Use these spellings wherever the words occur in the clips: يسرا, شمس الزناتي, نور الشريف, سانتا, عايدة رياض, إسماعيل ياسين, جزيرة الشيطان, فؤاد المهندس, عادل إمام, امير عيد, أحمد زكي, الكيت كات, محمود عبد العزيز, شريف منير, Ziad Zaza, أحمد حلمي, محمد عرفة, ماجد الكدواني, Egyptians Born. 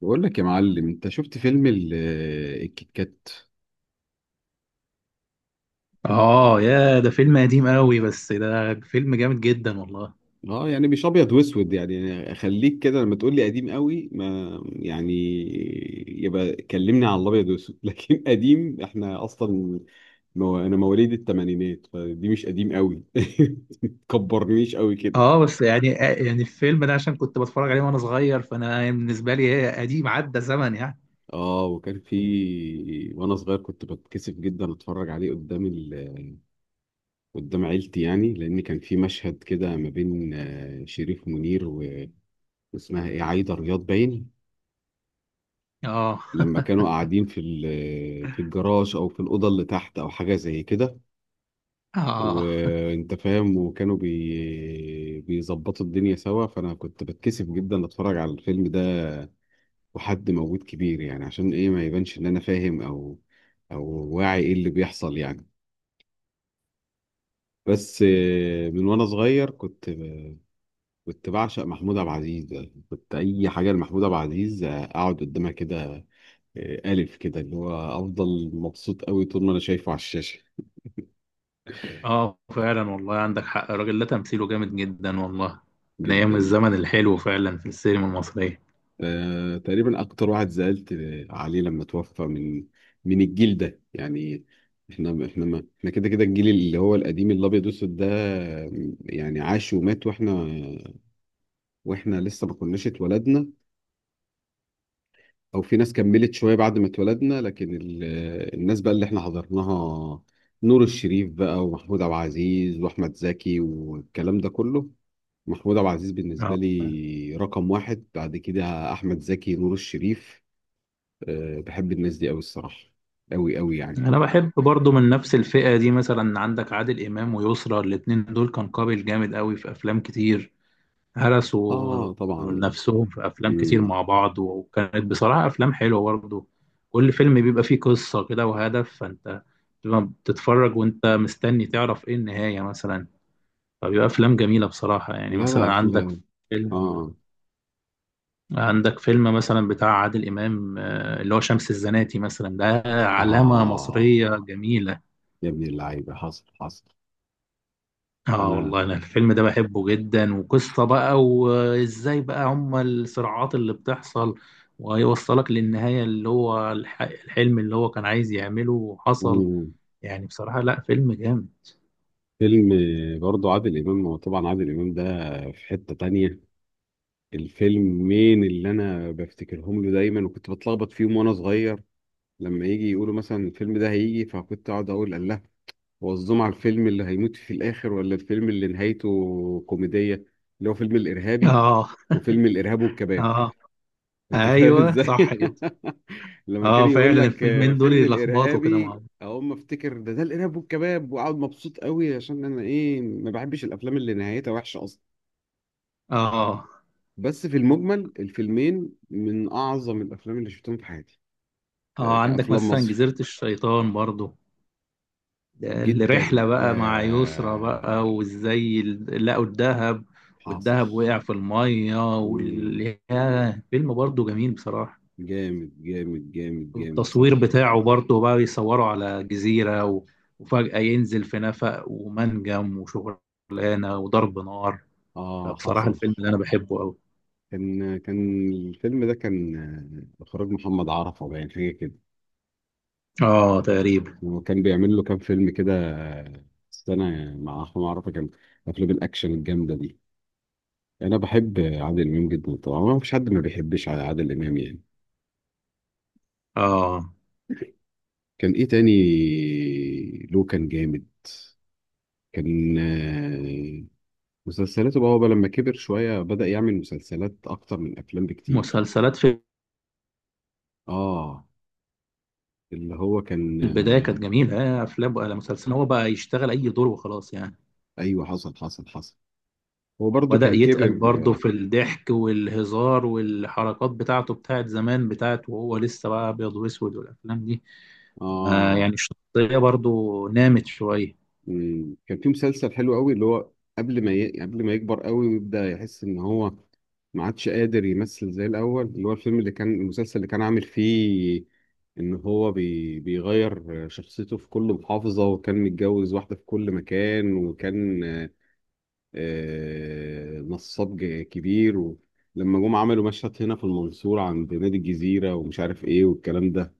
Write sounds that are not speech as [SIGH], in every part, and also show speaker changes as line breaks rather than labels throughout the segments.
بقول لك يا معلم، انت شفت فيلم الكيت كات؟
اه، يا ده فيلم قديم قوي، بس ده فيلم جامد جدا والله.
اه، يعني مش ابيض واسود، يعني اخليك كده لما تقول لي قديم قوي ما يعني. يبقى كلمني على الابيض واسود. [LAUGHS] لكن قديم، احنا اصلا مو، انا مواليد الثمانينات فدي مش قديم قوي. [LAUGHS] تكبرنيش قوي كده.
اه بس يعني يعني الفيلم ده عشان كنت بتفرج عليه وانا صغير، فانا بالنسبه لي هي قديم عدى زمن يعني.
اه، وكان في، وانا صغير كنت بتكسف جدا اتفرج عليه قدام عيلتي، يعني لان كان في مشهد كده ما بين شريف منير، اسمها ايه، عايدة رياض باين.
اه.
لما كانوا
[LAUGHS]
قاعدين في الجراج او في الاوضه اللي تحت او حاجه زي كده،
اه.
وانت فاهم، وكانوا بيظبطوا الدنيا سوا. فانا كنت بتكسف جدا اتفرج على الفيلم ده وحد موجود كبير، يعني عشان ايه ما يبانش ان انا فاهم او واعي ايه اللي بيحصل يعني. بس من وانا صغير كنت بعشق محمود عبد العزيز. كنت اي حاجه لمحمود عبد العزيز اقعد قدامها كده، ألف كده، اللي هو أفضل مبسوط أوي طول ما أنا شايفه على الشاشة.
اه فعلا والله عندك حق، الراجل ده تمثيله جامد جدا والله، من ايام
جدا.
الزمن الحلو فعلا في السينما المصريه.
تقريبا أكتر واحد زعلت عليه لما توفى من الجيل ده يعني. إحنا ما إحنا كده كده، الجيل اللي هو القديم الأبيض والأسود ده، يعني عاش ومات، وإحنا لسه ما كناش اتولدنا، أو في ناس كملت شوية بعد ما اتولدنا، لكن الناس بقى اللي إحنا حضرناها، نور الشريف بقى، ومحمود عبد العزيز، وأحمد زكي والكلام ده كله. محمود عبد العزيز
اه
بالنسبة لي رقم واحد، بعد كده أحمد زكي، نور الشريف. أه، بحب الناس دي أوي الصراحة. أوي أوي يعني.
انا بحب برضو من نفس الفئه دي، مثلا عندك عادل امام ويسرا، الاتنين دول كان قابل جامد قوي في افلام كتير، هرسوا
آه طبعا.
نفسهم في أفلام كتير
مم.
مع بعض، وكانت بصراحة أفلام حلوة برضه. كل فيلم بيبقى فيه قصة كده وهدف، فأنت بتبقى بتتفرج وأنت مستني تعرف إيه النهاية مثلا. فبيبقى أفلام جميلة بصراحة، يعني
لا لا،
مثلا
أفلام.
فيلم
آه
عندك فيلم مثلا بتاع عادل إمام، اللي هو شمس الزناتي مثلا، ده علامة
آه.
مصرية جميلة.
يا ابن اللعيبة، حصل حصل.
اه
أنا.
والله انا الفيلم ده بحبه جدا، وقصة بقى وازاي بقى هما الصراعات اللي بتحصل، وهيوصلك للنهاية اللي هو الحلم اللي هو كان عايز يعمله وحصل.
مم.
يعني بصراحة لا، فيلم جامد.
فيلم. برضو عادل إمام، هو طبعا عادل إمام ده في حتة تانية. الفيلمين اللي أنا بفتكرهم له دايما، وكنت بتلخبط فيهم وأنا صغير، لما يجي يقولوا مثلا الفيلم ده هيجي فكنت أقعد أقول الله، وظهم على الفيلم اللي هيموت في الآخر ولا الفيلم اللي نهايته كوميدية، اللي هو فيلم الإرهابي
اه.
وفيلم الإرهاب والكباب.
اه
[LAUGHS] أنت فاهم
ايوه صح
إزاي؟
كده.
[LAUGHS] لما كان
اه
يقول
فعلا
لك
الفيلمين دول
فيلم
يلخبطوا كده مع
الإرهابي
بعض.
أقوم أفتكر ده الإرهاب والكباب، وأقعد مبسوط قوي، عشان أنا إيه ما بحبش الأفلام اللي نهايتها وحشة أصلا.
اه.
بس في المجمل الفيلمين من أعظم الأفلام اللي شفتهم في حياتي،
اه عندك
كأفلام
مثلا
مصر.
جزيرة الشيطان برضو،
جدا
الرحلة بقى مع يسرى
يا،
بقى، وازاي لقوا الذهب،
حاصل.
والذهب وقع في المية ياه، فيلم برضه جميل بصراحة.
جامد جامد جامد جامد
والتصوير
صح.
بتاعه برضه بقى بيصوروا على جزيرة، وفجأة ينزل في نفق ومنجم وشغلانة وضرب نار.
اه،
فبصراحة
حصل.
الفيلم اللي أنا بحبه أوي.
كان الفيلم ده كان اخراج محمد عرفة، باين حاجه كده.
آه تقريبا.
وكان بيعمل له كام فيلم كده، السنه، مع احمد عرفة. كان افلام الاكشن الجامده دي، انا بحب عادل امام جدا طبعا، ما فيش حد ما بيحبش على عادل امام يعني.
آه
كان ايه تاني له، كان جامد. كان مسلسلاته بقى، هو بقى لما كبر شويه بدأ يعمل مسلسلات اكتر من افلام بكتير.
مسلسلات في
اه، اللي هو كان
البداية كانت جميلة، أفلام ولا مسلسل، هو بقى يشتغل أي دور وخلاص يعني.
ايوه، حصل حصل حصل. هو برضو
وبدأ
كان كبر.
يتقل برضه
اه.
في الضحك والهزار والحركات بتاعته، بتاعت زمان، بتاعت وهو لسه بقى أبيض وأسود والأفلام دي، ما
آه،
يعني الشخصية برضه نامت شوية.
مم. كان في مسلسل حلو قوي اللي هو، قبل ما يكبر قوي ويبدأ يحس ان هو ما عادش قادر يمثل زي الاول، اللي هو الفيلم اللي كان المسلسل اللي كان عامل فيه، ان هو بيغير شخصيته في كل محافظة وكان متجوز واحدة في كل مكان، وكان نصاب كبير، ولما جم عملوا مشهد هنا في المنصورة عند نادي الجزيرة ومش عارف ايه والكلام ده.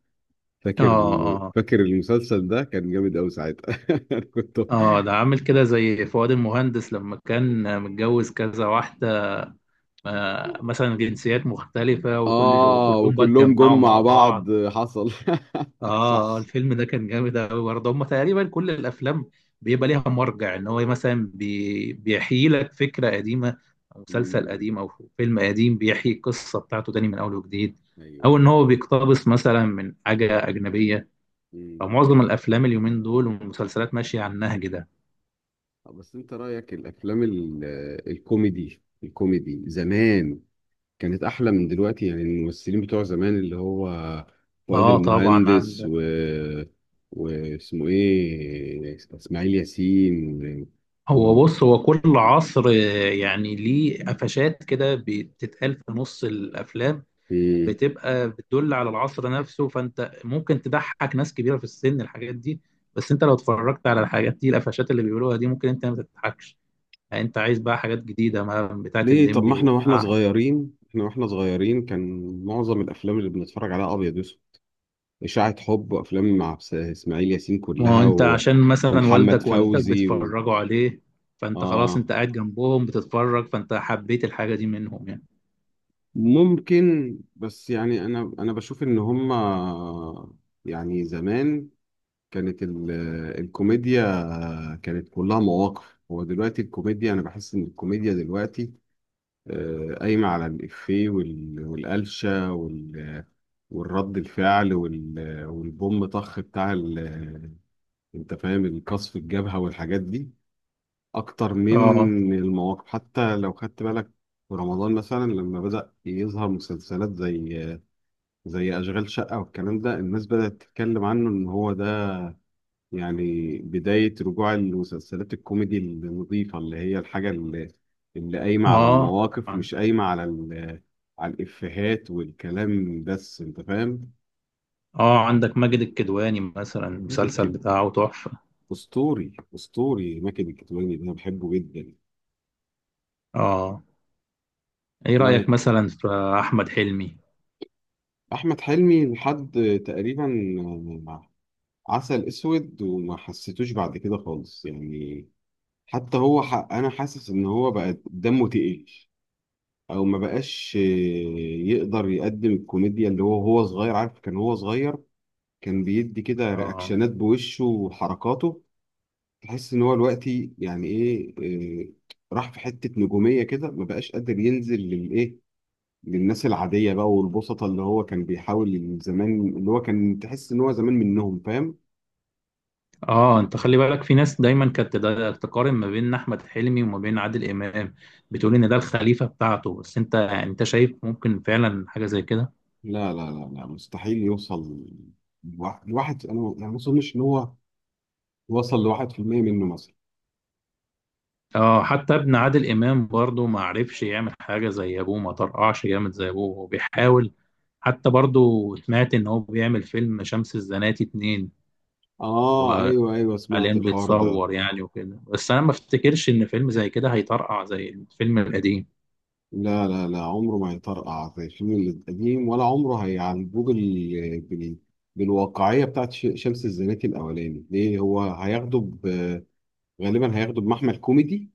آه آه.
فاكر المسلسل ده كان جامد قوي ساعتها. [LAUGHS] أنا كنت.
آه ده عامل كده زي فؤاد المهندس لما كان متجوز كذا واحدة، آه مثلا جنسيات مختلفة، وكل
اه،
وكلهم بقى
وكلهم جم
اتجمعوا
مع
مع
بعض،
بعض.
حصل. [LAUGHS]
اه.
صح.
الفيلم ده كان جامد قوي برضه. هم تقريبا كل الافلام بيبقى ليها مرجع، ان هو مثلا بيحيي لك فكره قديمه، او مسلسل
امم.
قديم، او فيلم قديم، بيحيي القصه بتاعته تاني من اول وجديد،
ايوه
او ان
ايوه.
هو بيقتبس مثلا من حاجه اجنبيه.
امم.
فمعظم الافلام اليومين دول والمسلسلات ماشيه على النهج ده.
بس انت رأيك، الافلام الكوميدي، زمان، كانت احلى من دلوقتي، يعني الممثلين بتوع زمان، اللي هو فؤاد
اه طبعا
المهندس
عندك.
واسمه ايه، اسماعيل ياسين، و... و...
هو بص، هو كل عصر يعني ليه قفشات كده بتتقال في نص الافلام،
إيه.
بتبقى بتدل على العصر نفسه، فانت ممكن تضحك ناس كبيره في السن الحاجات دي، بس انت لو اتفرجت على الحاجات دي، القفشات اللي بيقولوها دي ممكن انت ما تضحكش. يعني انت عايز بقى حاجات جديده ما بتاعت
ليه طب، ما
الليمبي
احنا
وبتاع.
واحنا صغيرين، كان معظم الافلام اللي بنتفرج عليها ابيض واسود، اشاعة حب وافلام مع اسماعيل ياسين
ما هو
كلها،
انت عشان مثلا
ومحمد
والدك ووالدتك
فوزي
بيتفرجوا عليه، فانت خلاص
اه.
انت قاعد جنبهم بتتفرج، فانت حبيت الحاجه دي منهم يعني.
ممكن، بس يعني انا بشوف ان هما، يعني زمان كانت الكوميديا كانت كلها مواقف. هو دلوقتي الكوميديا، انا بحس ان الكوميديا دلوقتي قايمه على الافيه والقلشه والرد الفعل والبوم طخ انت فاهم، القصف الجبهه والحاجات دي، اكتر
اه.
من المواقف. حتى لو خدت بالك، في رمضان مثلا لما بدأ يظهر مسلسلات زي أشغال شقة والكلام ده، الناس بدأت تتكلم عنه إن هو ده يعني بداية رجوع المسلسلات الكوميدي النظيفة، اللي هي الحاجة اللي قايمة على
اه.
المواقف،
عن-
مش قايمة على الإفيهات والكلام بس. أنت فاهم؟
اه عندك ماجد الكدواني مثلا،
ماجد
المسلسل
كده،
بتاعه تحفه.
أسطوري أسطوري ماجد الكدواني ده، أنا بحبه جدا.
اه، ايه
ما...
رايك مثلا في احمد حلمي؟
أحمد حلمي لحد تقريبا عسل أسود، وما حسيتوش بعد كده خالص يعني. حتى أنا حاسس إن هو بقى دمه تقيل، او ما بقاش يقدر يقدم الكوميديا اللي هو هو صغير عارف، كان هو صغير كان بيدي كده
اه.
رياكشنات بوشه وحركاته. تحس ان هو دلوقتي يعني ايه، آه، راح في حتة نجومية كده، ما بقاش قادر ينزل للايه، للناس العادية بقى والبسطة، اللي هو كان بيحاول زمان، اللي هو كان تحس ان هو زمان منهم، فاهم.
اه انت خلي بالك، في ناس دايما كانت تقارن ما بين احمد حلمي وما بين عادل امام، بتقول ان ده الخليفه بتاعته، بس انت يعني انت شايف ممكن فعلا حاجه زي كده؟
لا لا لا لا، مستحيل يوصل، أنا ما اظنش ان هو وصل لواحد في المية منه مثلا.
اه حتى ابن عادل امام برضه ما عرفش يعمل حاجه زي ابوه، ما طرقعش جامد زي ابوه، هو بيحاول. حتى برضه سمعت ان هو بيعمل فيلم شمس الزناتي اتنين،
اه، ايوه ايوه،
وحاليا
سمعت الحوار ده.
بيتصور يعني وكده، بس انا ما افتكرش ان فيلم زي كده هيطرقع زي الفيلم القديم.
لا لا لا، عمره ما هيطرقع زي الفيلم القديم، ولا عمره هيعالجوه بالواقعيه بتاعت شمس الزناتي الاولاني. ليه، هو هياخده غالبا هياخده بمحمل كوميدي،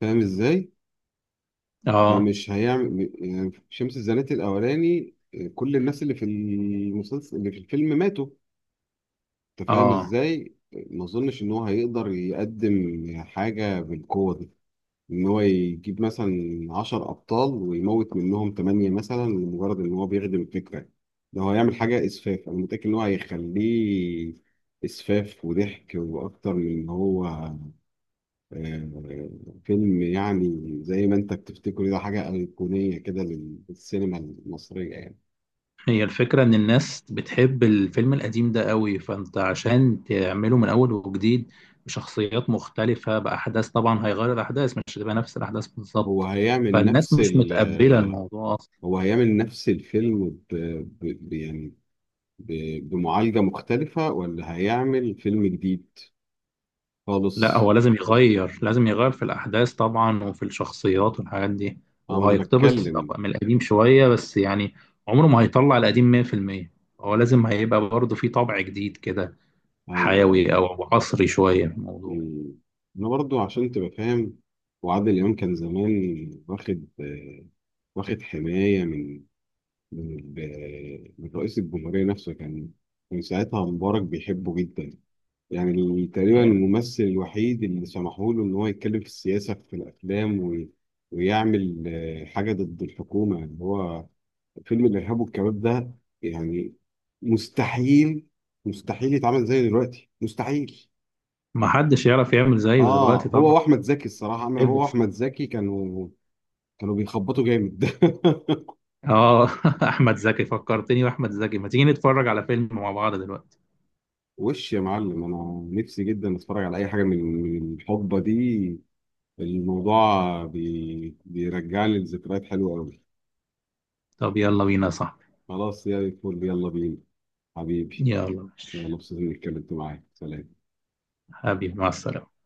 فاهم ازاي؟
اه.
فمش هيعمل يعني شمس الزناتي الاولاني. كل الناس اللي في الفيلم ماتوا، انت فاهم
اه
ازاي؟ ما اظنش ان هو هيقدر يقدم حاجه بالقوه دي، ان هو يجيب مثلا 10 ابطال ويموت منهم 8 مثلا، لمجرد ان هو بيخدم الفكره. ده هو هيعمل حاجه اسفاف، انا متاكد ان هو هيخليه اسفاف وضحك، واكتر من ان هو آه، فيلم، يعني زي ما انت بتفتكره ده حاجه ايقونيه كده للسينما المصريه يعني.
هي الفكرة إن الناس بتحب الفيلم القديم ده قوي، فأنت عشان تعمله من أول وجديد بشخصيات مختلفة، بأحداث طبعا هيغير الأحداث، مش هتبقى نفس الأحداث
هو
بالظبط،
هيعمل
فالناس
نفس
مش
ال
متقبلة
آه،
الموضوع أصلا.
هو هيعمل نفس الفيلم يعني بمعالجه مختلفه، ولا هيعمل فيلم جديد
لا
خالص.
هو لازم يغير، لازم يغير في الأحداث طبعا وفي الشخصيات والحاجات دي.
اه، ما
هو
انا
هيقتبس
بتكلم.
طبعا من القديم شوية بس يعني، عمره ما هيطلع القديم 100%. هو لازم هيبقى برضه فيه طبع جديد كده،
ايوه
حيوي
ايوه.
أو عصري شوية في الموضوع.
مم. انا برضو عشان تبقى فاهم، وعادل امام كان زمان واخد واخد حمايه من رئيس الجمهوريه نفسه. كان ساعتها مبارك بيحبه جدا، يعني تقريبا الممثل الوحيد اللي سمحوا له ان هو يتكلم في السياسه في الافلام، ويعمل حاجه ضد الحكومه، اللي هو فيلم الإرهاب والكباب ده. يعني مستحيل، مستحيل يتعمل زي دلوقتي، مستحيل.
ما حدش يعرف يعمل زيه
اه،
دلوقتي
هو
طبعا.
واحمد زكي الصراحه، عمل هو
ابس.
واحمد زكي كانوا بيخبطوا جامد. [LAUGHS]
اه. [LAUGHS] احمد زكي فكرتني، واحمد زكي ما تيجي نتفرج على فيلم مع بعض دلوقتي؟
وش يا معلم، انا نفسي جدا اتفرج على اي حاجه من الحقبه دي. الموضوع بيرجع لي لذكريات حلوه قوي.
طب يلا بينا يا صاحبي.
خلاص يا فل، يلا بينا حبيبي.
يلا
يلا. مبسوط اني اتكلمت معاك، سلام.
حبيبي، مع السلامة.